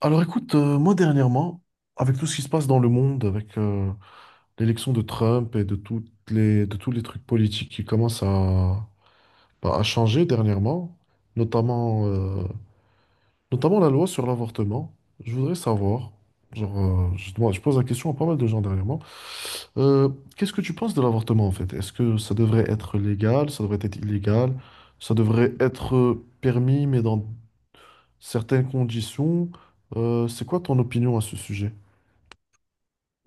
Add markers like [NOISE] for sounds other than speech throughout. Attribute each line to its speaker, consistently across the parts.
Speaker 1: Alors écoute, moi dernièrement, avec tout ce qui se passe dans le monde, avec l'élection de Trump et de tous les trucs politiques qui commencent à changer dernièrement, notamment, euh, notamment la loi sur l'avortement, je voudrais savoir, je pose la question à pas mal de gens dernièrement, euh, qu'est-ce que tu penses de l'avortement en fait? Est-ce que ça devrait être légal, ça devrait être illégal, ça devrait être permis mais dans certaines conditions? C'est quoi ton opinion à ce sujet?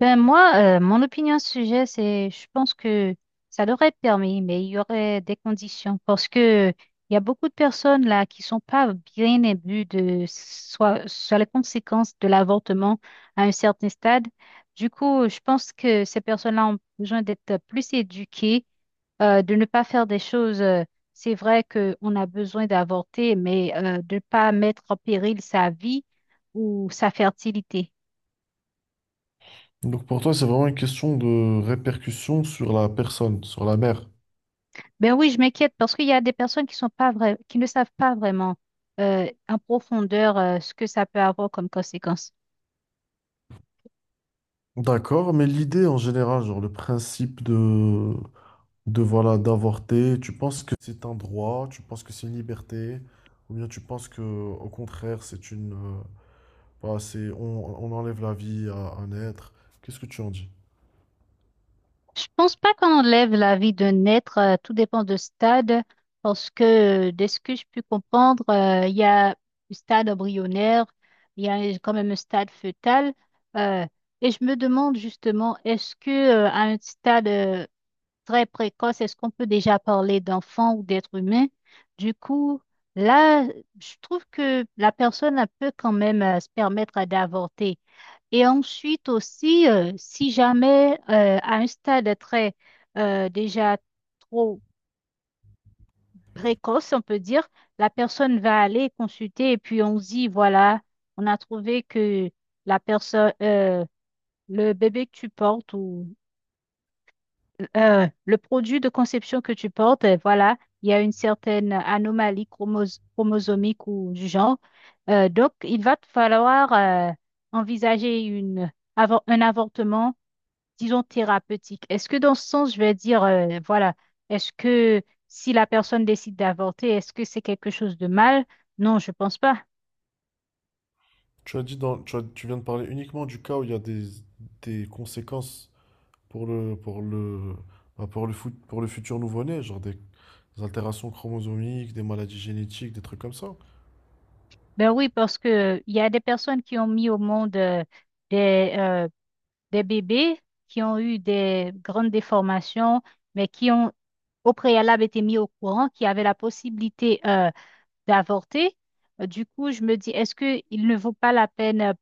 Speaker 2: Ben moi, mon opinion sur le sujet, c'est, je pense que ça leur est permis, mais il y aurait des conditions parce que il y a beaucoup de personnes là qui sont pas bien imbues de soit sur les conséquences de l'avortement à un certain stade. Du coup, je pense que ces personnes-là ont besoin d'être plus éduquées, de ne pas faire des choses. C'est vrai qu'on a besoin d'avorter, mais de ne pas mettre en péril sa vie ou sa fertilité.
Speaker 1: Donc pour toi, c'est vraiment une question de répercussion sur la personne, sur la mère.
Speaker 2: Ben oui, je m'inquiète parce qu'il y a des personnes qui sont pas vra- qui ne savent pas vraiment en profondeur ce que ça peut avoir comme conséquence.
Speaker 1: D'accord, mais l'idée en général, genre le principe de voilà, d'avorter, tu penses que c'est un droit, tu penses que c'est une liberté, ou bien tu penses que au contraire, c'est une, voilà, c'est, on enlève la vie à un être. Qu'est-ce que tu en dis?
Speaker 2: Je pense pas qu'on enlève la vie d'un être, tout dépend de stade, parce que de ce que je peux comprendre, il y a le stade embryonnaire, il y a quand même un stade fœtal, euh, et je me demande justement, est-ce que à un stade très précoce, est-ce qu'on peut déjà parler d'enfant ou d'être humain? Du coup, là, je trouve que la personne elle peut quand même se permettre d'avorter. Et ensuite aussi, si jamais à un stade très déjà trop précoce, on peut dire, la personne va aller consulter et puis on se dit, voilà, on a trouvé que la personne, le bébé que tu portes ou le produit de conception que tu portes, voilà, il y a une certaine anomalie chromosomique ou du genre. Donc, il va te falloir envisager un avortement, disons, thérapeutique. Est-ce que dans ce sens, je vais dire, voilà, est-ce que si la personne décide d'avorter, est-ce que c'est quelque chose de mal? Non, je pense pas.
Speaker 1: Tu as dit dans, tu as- Tu viens de parler uniquement du cas où il y a des conséquences pour le, pour le, pour le futur nouveau-né, genre des altérations chromosomiques, des maladies génétiques, des trucs comme ça.
Speaker 2: Ben oui, parce que il y a des personnes qui ont mis au monde des, euh, des bébés qui ont eu des grandes déformations, mais qui ont au préalable été mis au courant, qui avaient la possibilité d'avorter. Du coup, je me dis, est-ce qu'il ne vaut pas la peine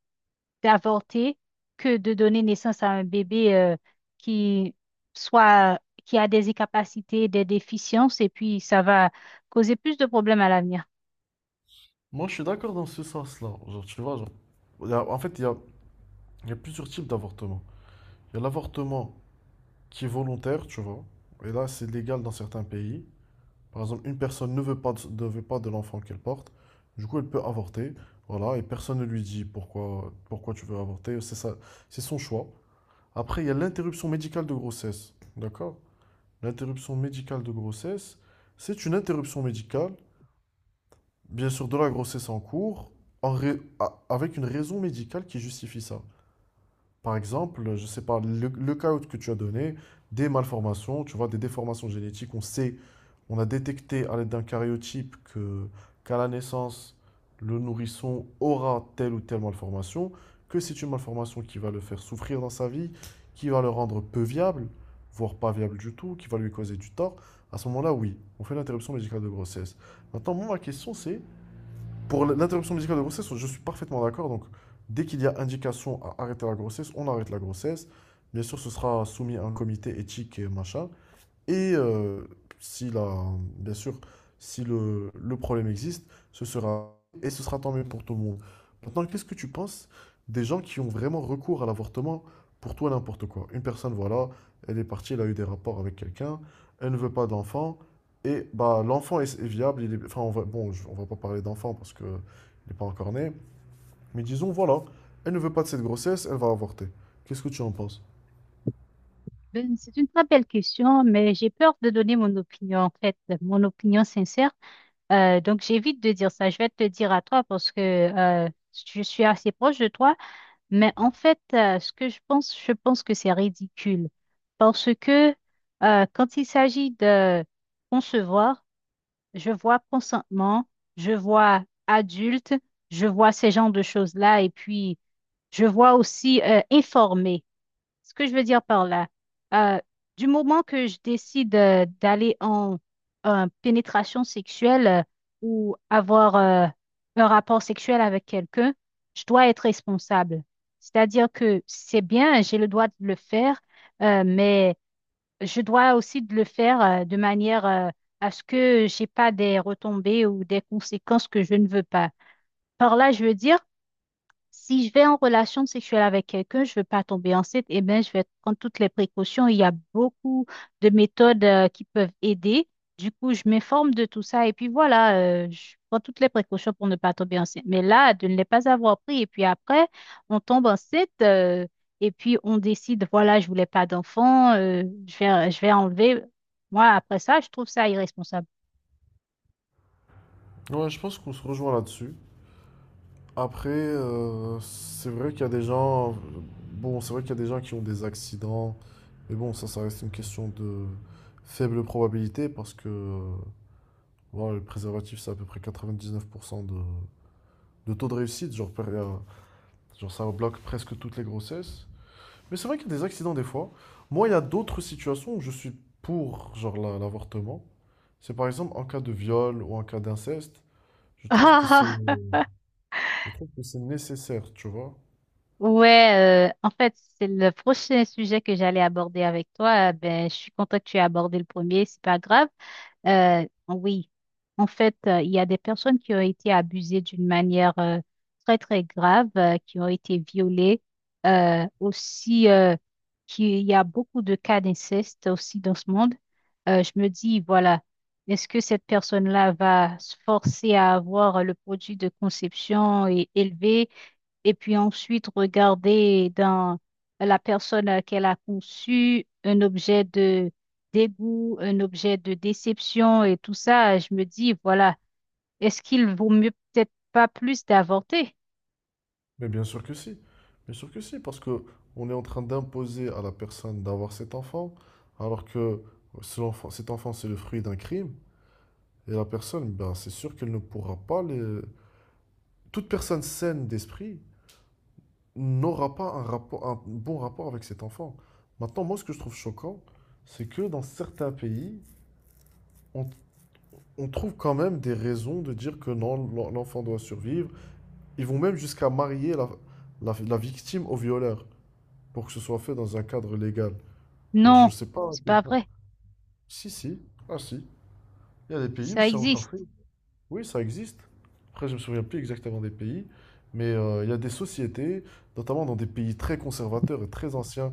Speaker 2: d'avorter que de donner naissance à un bébé qui soit, qui a des incapacités, des déficiences, et puis ça va causer plus de problèmes à l'avenir?
Speaker 1: Moi, je suis d'accord dans ce sens-là. Genre, tu vois, genre, en fait, il y a plusieurs types d'avortement. Il y a l'avortement qui est volontaire, tu vois, et là, c'est légal dans certains pays. Par exemple, une personne ne veut pas de l'enfant qu'elle porte, du coup, elle peut avorter, voilà, et personne ne lui dit pourquoi tu veux avorter, c'est ça, c'est son choix. Après, il y a l'interruption médicale de grossesse, d'accord? L'interruption médicale de grossesse, c'est une interruption médicale, bien sûr, de la grossesse en cours, avec une raison médicale qui justifie ça. Par exemple, je ne sais pas, le cas que tu as donné, des malformations, tu vois, des déformations génétiques, on sait, on a détecté à l'aide d'un karyotype qu'à la naissance, le nourrisson aura telle ou telle malformation, que c'est une malformation qui va le faire souffrir dans sa vie, qui va le rendre peu viable, voire pas viable du tout, qui va lui causer du tort. À ce moment-là, oui, on fait l'interruption médicale de grossesse. Maintenant, moi, ma question, c'est pour l'interruption médicale de grossesse, je suis parfaitement d'accord. Donc, dès qu'il y a indication à arrêter la grossesse, on arrête la grossesse. Bien sûr, ce sera soumis à un comité éthique et machin. Et si la, bien sûr, si le problème existe, ce sera et ce sera tant mieux pour tout le monde. Maintenant, qu'est-ce que tu penses des gens qui ont vraiment recours à l'avortement pour tout et n'importe quoi? Une personne, voilà, elle est partie, elle a eu des rapports avec quelqu'un, elle ne veut pas d'enfant, et bah est viable. Il est, enfin, on va, bon, on va pas parler d'enfant parce que il n'est pas encore né, mais disons, voilà, elle ne veut pas de cette grossesse, elle va avorter. Qu'est-ce que tu en penses?
Speaker 2: Ben, c'est une très belle question, mais j'ai peur de donner mon opinion, en fait, mon opinion sincère. Donc j'évite de dire ça. Je vais te le dire à toi parce que je suis assez proche de toi. Mais en fait, ce que je pense que c'est ridicule parce que quand il s'agit de concevoir, je vois consentement, je vois adulte, je vois ces genres de choses-là et puis je vois aussi informer. Ce que je veux dire par là, euh, du moment que je décide en pénétration sexuelle ou avoir un rapport sexuel avec quelqu'un, je dois être responsable. C'est-à-dire que c'est bien, j'ai le droit de le faire, mais je dois aussi de le faire de manière à ce que j'ai pas des retombées ou des conséquences que je ne veux pas. Par là, je veux dire si je vais en relation sexuelle avec quelqu'un, je veux pas tomber enceinte, eh bien, je vais prendre toutes les précautions. Il y a beaucoup de méthodes qui peuvent aider. Du coup, je m'informe de tout ça et puis voilà, je prends toutes les précautions pour ne pas tomber enceinte. Mais là, de ne les pas avoir pris et puis après, on tombe enceinte et puis on décide, voilà, je voulais pas d'enfant, je vais enlever. Moi, après ça, je trouve ça irresponsable.
Speaker 1: Ouais, je pense qu'on se rejoint là-dessus. Après, c'est vrai qu'il y a des gens, bon, c'est vrai qu'il y a des gens qui ont des accidents, mais bon, ça reste une question de faible probabilité parce que voilà, le préservatif, c'est à peu près 99% de taux de réussite, genre ça bloque presque toutes les grossesses. Mais c'est vrai qu'il y a des accidents des fois. Moi, il y a d'autres situations où je suis pour l'avortement. C'est par exemple en cas de viol ou en cas d'inceste, je trouve que c'est,
Speaker 2: [LAUGHS]
Speaker 1: je trouve que c'est nécessaire, tu vois.
Speaker 2: Ouais, en fait, c'est le prochain sujet que j'allais aborder avec toi. Ben, je suis contente que tu aies abordé le premier, c'est pas grave. Oui, en fait, il y a des personnes qui ont été abusées d'une manière très, très grave, qui ont été violées. Aussi, qu'il y a beaucoup de cas d'inceste aussi dans ce monde. Je me dis, voilà, est-ce que cette personne-là va se forcer à avoir le produit de conception et élevé? Et puis ensuite regarder dans la personne qu'elle a conçue un objet de dégoût, un objet de déception et tout ça, je me dis, voilà. Est-ce qu'il vaut mieux peut-être pas plus d'avorter?
Speaker 1: Mais bien sûr que si. Bien sûr que si, parce que on est en train d'imposer à la personne d'avoir cet enfant, alors que cet enfant, c'est le fruit d'un crime, et la personne, ben, c'est sûr qu'elle ne pourra pas le… Toute personne saine d'esprit n'aura pas un bon rapport avec cet enfant. Maintenant, moi, ce que je trouve choquant, c'est que dans certains pays, on, on trouve quand même des raisons de dire que non, l'enfant doit survivre. Ils vont même jusqu'à marier la, la victime au violeur, pour que ce soit fait dans un cadre légal. Genre, je
Speaker 2: Non,
Speaker 1: sais pas à
Speaker 2: c'est
Speaker 1: quel
Speaker 2: pas
Speaker 1: point.
Speaker 2: vrai.
Speaker 1: Si, si. Ah, si. Il y a des pays où
Speaker 2: Ça
Speaker 1: c'est encore
Speaker 2: existe.
Speaker 1: fait. Oui, ça existe. Après, je me souviens plus exactement des pays. Mais il y a des sociétés, notamment dans des pays très conservateurs et très anciens,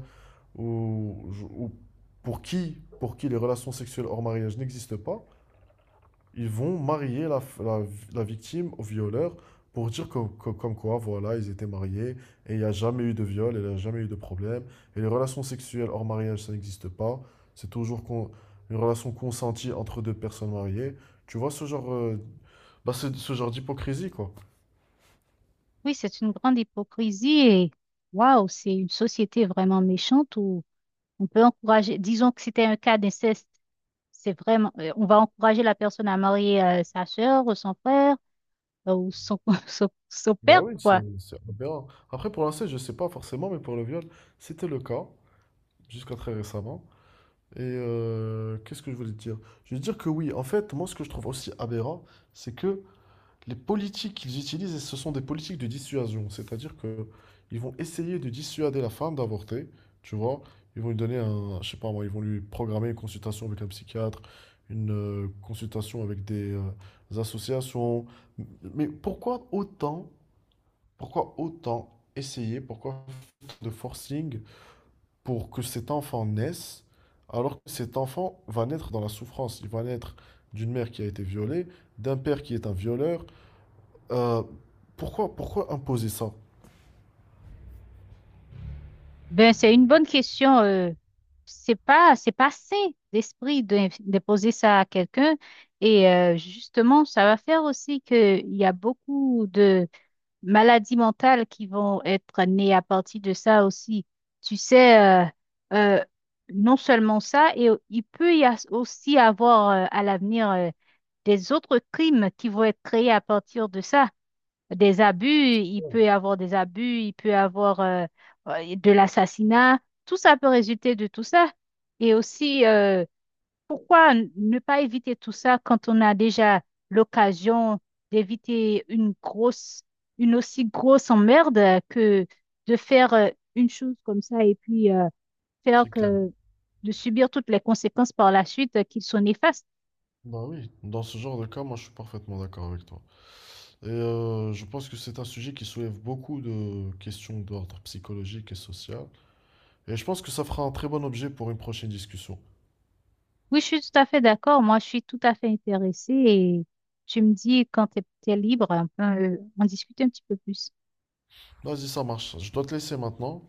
Speaker 1: où, où- pour qui les relations sexuelles hors mariage n'existent pas, ils vont marier la la victime au violeur pour dire que comme quoi, voilà, ils étaient mariés et il n'y a jamais eu de viol, et il n'y a jamais eu de problème. Et les relations sexuelles hors mariage, ça n'existe pas. C'est toujours con- une relation consentie entre deux personnes mariées. Tu vois ce c'est ce genre d'hypocrisie, quoi.
Speaker 2: Oui, c'est une grande hypocrisie et waouh, c'est une société vraiment méchante où on peut encourager, disons que c'était un cas d'inceste, c'est vraiment, on va encourager la personne à marier sa sœur ou son frère euh, ou son, [LAUGHS] son père,
Speaker 1: Bah oui,
Speaker 2: quoi.
Speaker 1: c'est aberrant. Après, pour l'inceste, je sais pas forcément, mais pour le viol, c'était le cas, jusqu'à très récemment. Et qu'est-ce que je voulais te dire? Je veux dire que oui, en fait, moi, ce que je trouve aussi aberrant, c'est que les politiques qu'ils utilisent, ce sont des politiques de dissuasion, c'est-à-dire que ils vont essayer de dissuader la femme d'avorter, tu vois. Ils vont lui donner un, je sais pas moi, ils vont lui programmer une consultation avec un psychiatre, une consultation avec des associations. Mais pourquoi autant, pourquoi autant essayer, pourquoi faire de forcing pour que cet enfant naisse, alors que cet enfant va naître dans la souffrance, il va naître d'une mère qui a été violée, d'un père qui est un violeur euh, pourquoi, pourquoi imposer ça?
Speaker 2: Ben, c'est une bonne question. C'est pas sain d'esprit de poser ça à quelqu'un. Et justement, ça va faire aussi qu'il y a beaucoup de maladies mentales qui vont être nées à partir de ça aussi. Tu sais, euh, non seulement ça, et il peut aussi avoir à l'avenir des autres crimes qui vont être créés à partir de ça. Des abus, il peut y avoir des abus, il peut y avoir de l'assassinat. Tout ça peut résulter de tout ça. Et aussi, pourquoi ne pas éviter tout ça quand on a déjà l'occasion d'éviter une aussi grosse emmerde que de faire une chose comme ça et puis faire
Speaker 1: C'est clair.
Speaker 2: que de subir toutes les conséquences par la suite qui sont néfastes.
Speaker 1: Bah oui, dans ce genre de cas, moi je suis parfaitement d'accord avec toi. Et je pense que c'est un sujet qui soulève beaucoup de questions d'ordre psychologique et social. Et je pense que ça fera un très bon objet pour une prochaine discussion.
Speaker 2: Oui, je suis tout à fait d'accord. Moi, je suis tout à fait intéressée et tu me dis quand tu es, libre, on peut en discuter un petit peu plus.
Speaker 1: Vas-y, ça marche. Je dois te laisser maintenant.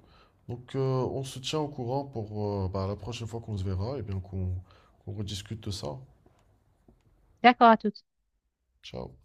Speaker 1: Donc on se tient au courant pour la prochaine fois qu'on se verra et bien qu'on rediscute de ça.
Speaker 2: D'accord à toutes.
Speaker 1: Ciao.